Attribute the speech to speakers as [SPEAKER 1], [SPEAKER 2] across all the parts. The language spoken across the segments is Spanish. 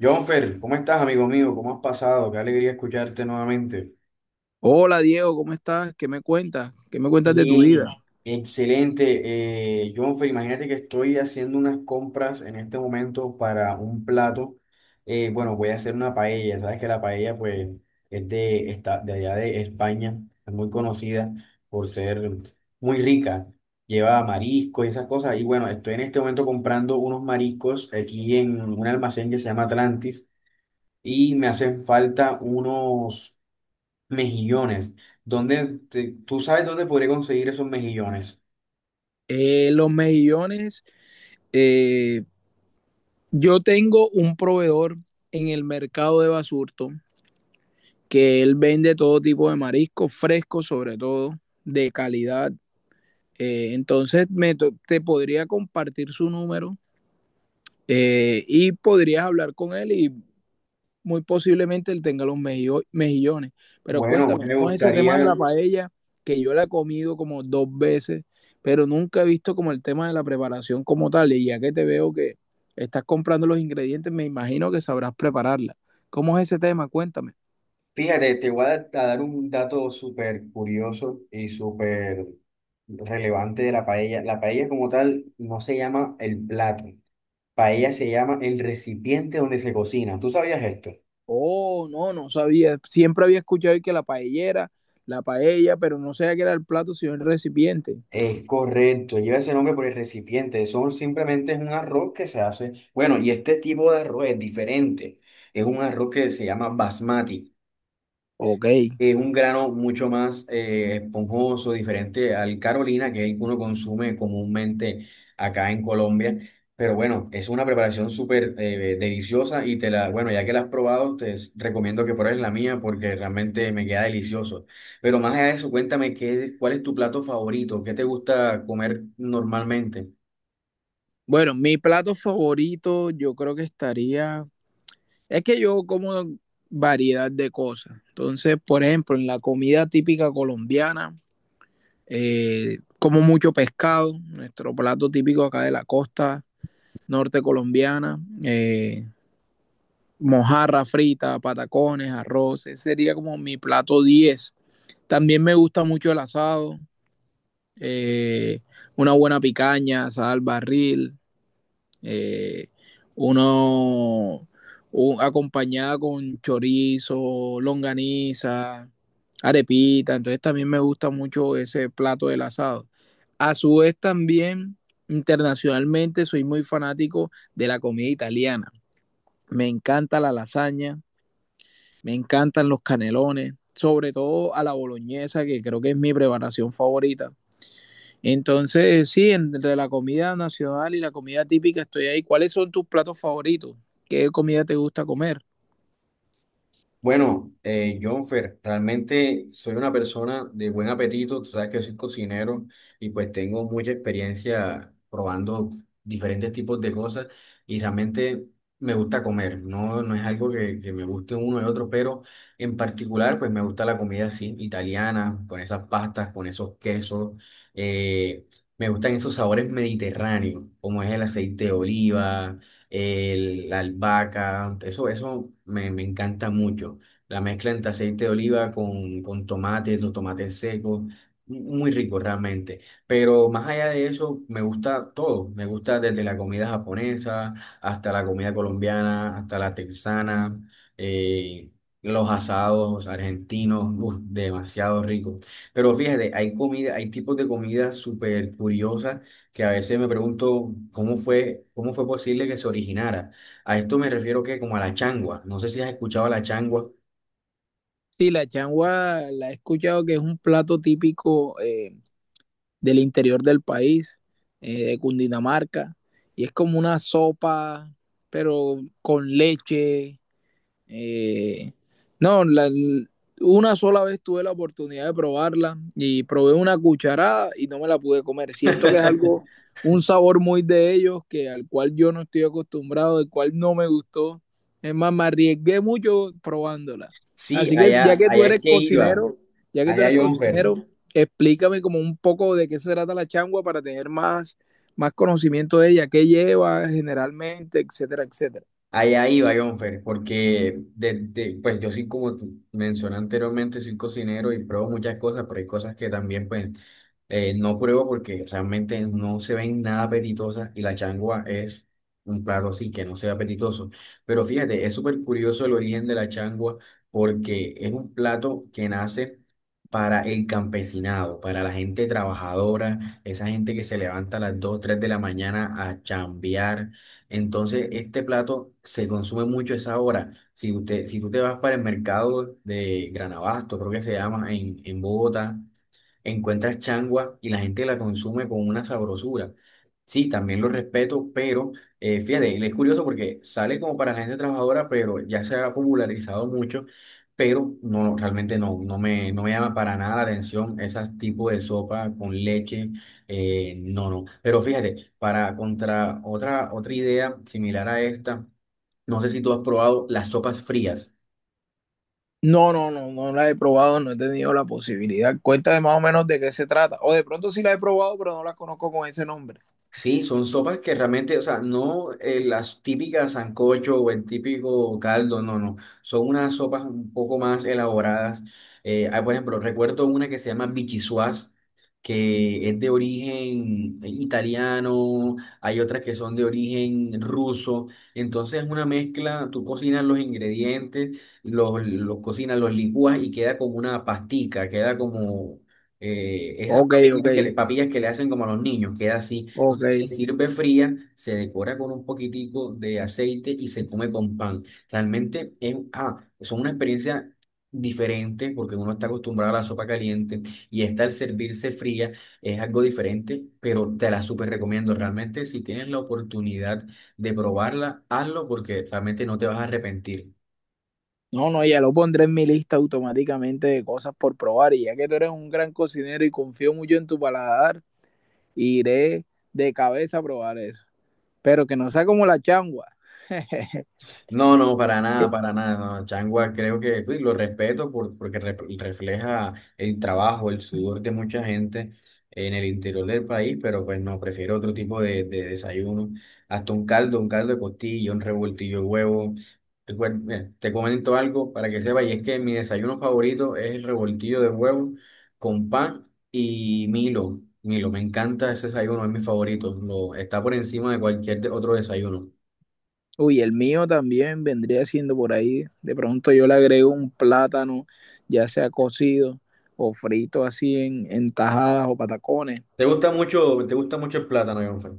[SPEAKER 1] Jonfer, ¿cómo estás, amigo mío? ¿Cómo has pasado? Qué alegría escucharte nuevamente.
[SPEAKER 2] Hola Diego, ¿cómo estás? ¿Qué me cuentas? ¿Qué me cuentas de tu vida?
[SPEAKER 1] Bien, excelente. Jonfer, imagínate que estoy haciendo unas compras en este momento para un plato. Bueno, voy a hacer una paella. Sabes que la paella, pues, es de allá de España. Es muy conocida por ser muy rica. Lleva marisco y esas cosas. Y bueno, estoy en este momento comprando unos mariscos aquí en un almacén que se llama Atlantis y me hacen falta unos. Mejillones. Tú sabes dónde podría conseguir esos mejillones?
[SPEAKER 2] Los mejillones, eh, yo tengo un proveedor en el mercado de Basurto que él vende todo tipo de mariscos frescos, sobre todo de calidad. Entonces te podría compartir su número y podrías hablar con él y muy posiblemente él tenga los mejillones. Pero
[SPEAKER 1] Bueno,
[SPEAKER 2] cuéntame,
[SPEAKER 1] me
[SPEAKER 2] ¿cómo es ese tema de
[SPEAKER 1] gustaría,
[SPEAKER 2] la paella? Que yo la he comido como dos veces, pero nunca he visto como el tema de la preparación como tal. Y ya que te veo que estás comprando los ingredientes, me imagino que sabrás prepararla. ¿Cómo es ese tema? Cuéntame.
[SPEAKER 1] fíjate, te voy a dar un dato súper curioso y súper relevante de la paella. La paella como tal no se llama el plato. Paella se llama el recipiente donde se cocina. ¿Tú sabías esto?
[SPEAKER 2] Oh, no, no sabía. Siempre había escuchado que la paellera, la paella, pero no sabía que era el plato, sino el recipiente.
[SPEAKER 1] Es correcto, lleva ese nombre por el recipiente. Son simplemente es un arroz que se hace. Bueno, y este tipo de arroz es diferente. Es un arroz que se llama basmati.
[SPEAKER 2] Ok.
[SPEAKER 1] Es un grano mucho más esponjoso, diferente al Carolina, que uno consume comúnmente acá en Colombia. Pero bueno, es una preparación súper deliciosa y bueno, ya que la has probado, recomiendo que pruebes la mía porque realmente me queda delicioso. Pero más allá de eso, cuéntame cuál es tu plato favorito, qué te gusta comer normalmente.
[SPEAKER 2] Bueno, mi plato favorito yo creo que estaría. Es que yo como variedad de cosas. Entonces, por ejemplo, en la comida típica colombiana, como mucho pescado, nuestro plato típico acá de la costa norte colombiana, mojarra frita, patacones, arroz, ese sería como mi plato 10. También me gusta mucho el asado, eh, una buena picaña, sal barril, eh, uno acompañada con chorizo, longaniza, arepita. Entonces también me gusta mucho ese plato del asado. A su vez también internacionalmente soy muy fanático de la comida italiana. Me encanta la lasaña, me encantan los canelones, sobre todo a la boloñesa, que creo que es mi preparación favorita. Entonces, sí, entre la comida nacional y la comida típica estoy ahí. ¿Cuáles son tus platos favoritos? ¿Qué comida te gusta comer?
[SPEAKER 1] Bueno, Jonfer, realmente soy una persona de buen apetito, tú sabes que soy cocinero y pues tengo mucha experiencia probando diferentes tipos de cosas y realmente me gusta comer, no, no es algo que me guste uno y otro, pero en particular pues me gusta la comida así, italiana, con esas pastas, con esos quesos, eh, me gustan esos sabores mediterráneos, como es el aceite de oliva la albahaca, eso, me encanta mucho. La mezcla entre aceite de oliva con tomates, los tomates secos, muy rico realmente. Pero más allá de eso, me gusta todo. Me gusta desde la comida japonesa hasta la comida colombiana, hasta la texana, eh, los asados argentinos, uf, demasiado rico. Pero fíjate, hay tipos de comida súper curiosas que a veces me pregunto cómo cómo fue posible que se originara. A esto me refiero que como a la changua. No sé si has escuchado a la changua.
[SPEAKER 2] Sí, la changua la he escuchado que es un plato típico del interior del país, de Cundinamarca, y es como una sopa, pero con leche. Eh, no, la- una sola vez tuve la oportunidad de probarla y probé una cucharada y no me la pude comer. Siento que es algo, un sabor muy de ellos, que al cual yo no estoy acostumbrado, el cual no me gustó. Es más, me arriesgué mucho probándola.
[SPEAKER 1] Sí,
[SPEAKER 2] Así que ya que tú
[SPEAKER 1] allá es
[SPEAKER 2] eres
[SPEAKER 1] que iba,
[SPEAKER 2] cocinero, ya que tú
[SPEAKER 1] allá
[SPEAKER 2] eres
[SPEAKER 1] Jonfer.
[SPEAKER 2] cocinero, explícame como un poco de qué se trata la changua para tener más, más conocimiento de ella, qué lleva generalmente, etcétera, etcétera.
[SPEAKER 1] Allá iba, Jonfer, porque desde, pues yo sí, como tú mencioné anteriormente, soy cocinero y pruebo muchas cosas, pero hay cosas que también, pues, no pruebo porque realmente no se ven nada apetitosas y la changua es un plato así que no sea apetitoso. Pero fíjate, es súper curioso el origen de la changua porque es un plato que nace para el campesinado, para la gente trabajadora, esa gente que se levanta a las 2 3 de la mañana a chambear entonces, este plato se consume mucho a esa hora. Si usted, si tú te vas para el mercado de Granabasto, creo que se llama, en Bogotá, encuentras changua y la gente la consume con una sabrosura. Sí, también lo respeto, pero fíjate, es curioso porque sale como para la gente trabajadora, pero ya se ha popularizado mucho, pero no, realmente no, no me llama para nada la atención esas tipos de sopa con leche, no, no. Pero fíjate, para contra otra idea similar a esta, no sé si tú has probado las sopas frías.
[SPEAKER 2] No, no, no, no la he probado, no he tenido la posibilidad. Cuéntame más o menos de qué se trata. O de pronto sí la he probado, pero no la conozco con ese nombre.
[SPEAKER 1] Sí, son sopas que realmente, o sea, no las típicas sancocho o el típico caldo, no, no. Son unas sopas un poco más elaboradas. Por ejemplo, recuerdo una que se llama bichisuas, que es de origen italiano, hay otras que son de origen ruso. Entonces es una mezcla, tú cocinas los ingredientes, los cocinas, los licúas y queda como una pastica, queda como… esas
[SPEAKER 2] Ok, ok,
[SPEAKER 1] papillas papillas que le hacen como a los niños, queda así.
[SPEAKER 2] ok.
[SPEAKER 1] Entonces se sirve fría, se decora con un poquitico de aceite y se come con pan. Realmente es, ah, son una experiencia diferente porque uno está acostumbrado a la sopa caliente y esta al servirse fría es algo diferente, pero te la súper recomiendo. Realmente si tienes la oportunidad de probarla, hazlo porque realmente no te vas a arrepentir.
[SPEAKER 2] No, no, ya lo pondré en mi lista automáticamente de cosas por probar. Y ya que tú eres un gran cocinero y confío mucho en tu paladar, iré de cabeza a probar eso. Pero que no sea como la changua.
[SPEAKER 1] No, no, para nada, para nada. No. Changua creo que uy, lo respeto porque refleja el trabajo, el sudor de mucha gente en el interior del país, pero pues no, prefiero otro tipo de desayuno. Hasta un caldo de costilla, un revoltillo de huevo. Mira, te comento algo para que sepas, y es que mi desayuno favorito es el revoltillo de huevo con pan y Milo. Milo, me encanta ese desayuno, es mi favorito. Lo, está por encima de cualquier otro desayuno.
[SPEAKER 2] Uy, el mío también vendría siendo por ahí. De pronto yo le agrego un plátano, ya sea cocido o frito así en tajadas o patacones.
[SPEAKER 1] Te gusta mucho el plátano, Jonfer.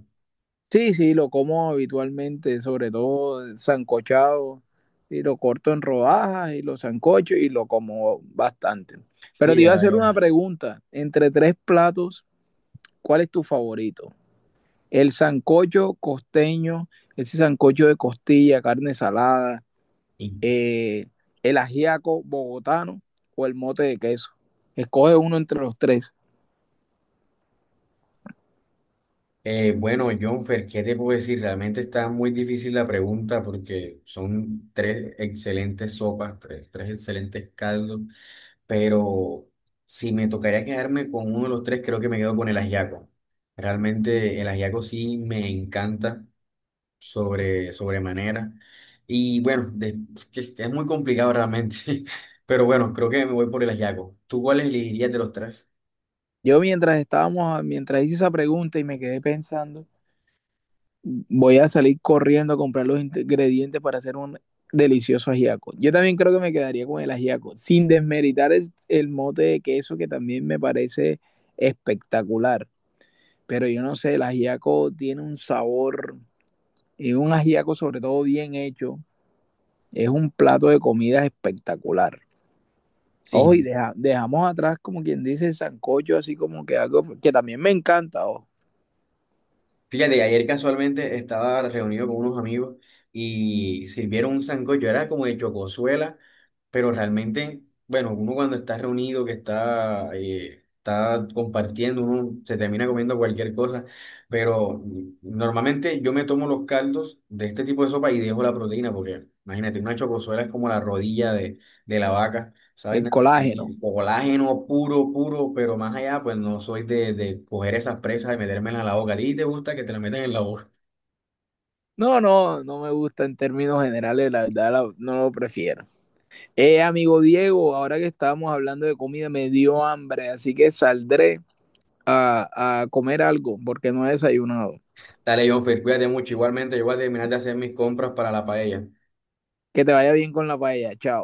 [SPEAKER 2] Sí, sí, lo como habitualmente, sobre todo sancochado, y lo corto en rodajas y lo sancocho y lo como bastante. Pero
[SPEAKER 1] Sí,
[SPEAKER 2] te iba a
[SPEAKER 1] ya
[SPEAKER 2] hacer
[SPEAKER 1] veo.
[SPEAKER 2] una pregunta. Entre tres platos, ¿cuál es tu favorito? El sancocho costeño, ese sancocho de costilla, carne salada,
[SPEAKER 1] Y,
[SPEAKER 2] eh, el ajiaco bogotano o el mote de queso. Escoge uno entre los tres.
[SPEAKER 1] bueno, Jonfer, ¿qué te puedo decir? Realmente está muy difícil la pregunta porque son tres excelentes sopas, tres excelentes caldos, pero si me tocaría quedarme con uno de los tres, creo que me quedo con el ajiaco. Realmente el ajiaco sí me encanta sobremanera. Y bueno, es que es muy complicado realmente, pero bueno, creo que me voy por el ajiaco. ¿Tú cuál elegirías de los tres?
[SPEAKER 2] Yo mientras estábamos, mientras hice esa pregunta y me quedé pensando, voy a salir corriendo a comprar los ingredientes para hacer un delicioso ajiaco. Yo también creo que me quedaría con el ajiaco, sin desmeritar el mote de queso que también me parece espectacular. Pero yo no sé, el ajiaco tiene un sabor, y un ajiaco sobre todo bien hecho, es un plato de comida espectacular. Oh, y
[SPEAKER 1] Sí,
[SPEAKER 2] dejamos atrás, como quien dice, el sancocho, así como que algo que también me encanta. Oh,
[SPEAKER 1] fíjate, ayer casualmente estaba reunido con unos amigos y sirvieron un sancocho, era como de chocosuela, pero realmente, bueno, uno cuando está reunido, que está, está compartiendo, uno se termina comiendo cualquier cosa, pero normalmente yo me tomo los caldos de este tipo de sopa y dejo la proteína, porque imagínate, una chocosuela es como la rodilla de la vaca, ¿sabes?
[SPEAKER 2] el colágeno.
[SPEAKER 1] Sí, colágeno puro, puro, pero más allá, pues no soy de coger esas presas y metérmelas en la boca. ¿A ti te gusta que te la metan en la boca?
[SPEAKER 2] No, no, no me gusta en términos generales, la verdad no lo prefiero. Amigo Diego, ahora que estábamos hablando de comida, me dio hambre, así que saldré a comer algo porque no he desayunado.
[SPEAKER 1] Dale, Jonfer, cuídate mucho. Igualmente, yo voy a terminar de hacer mis compras para la paella.
[SPEAKER 2] Que te vaya bien con la paella, chao.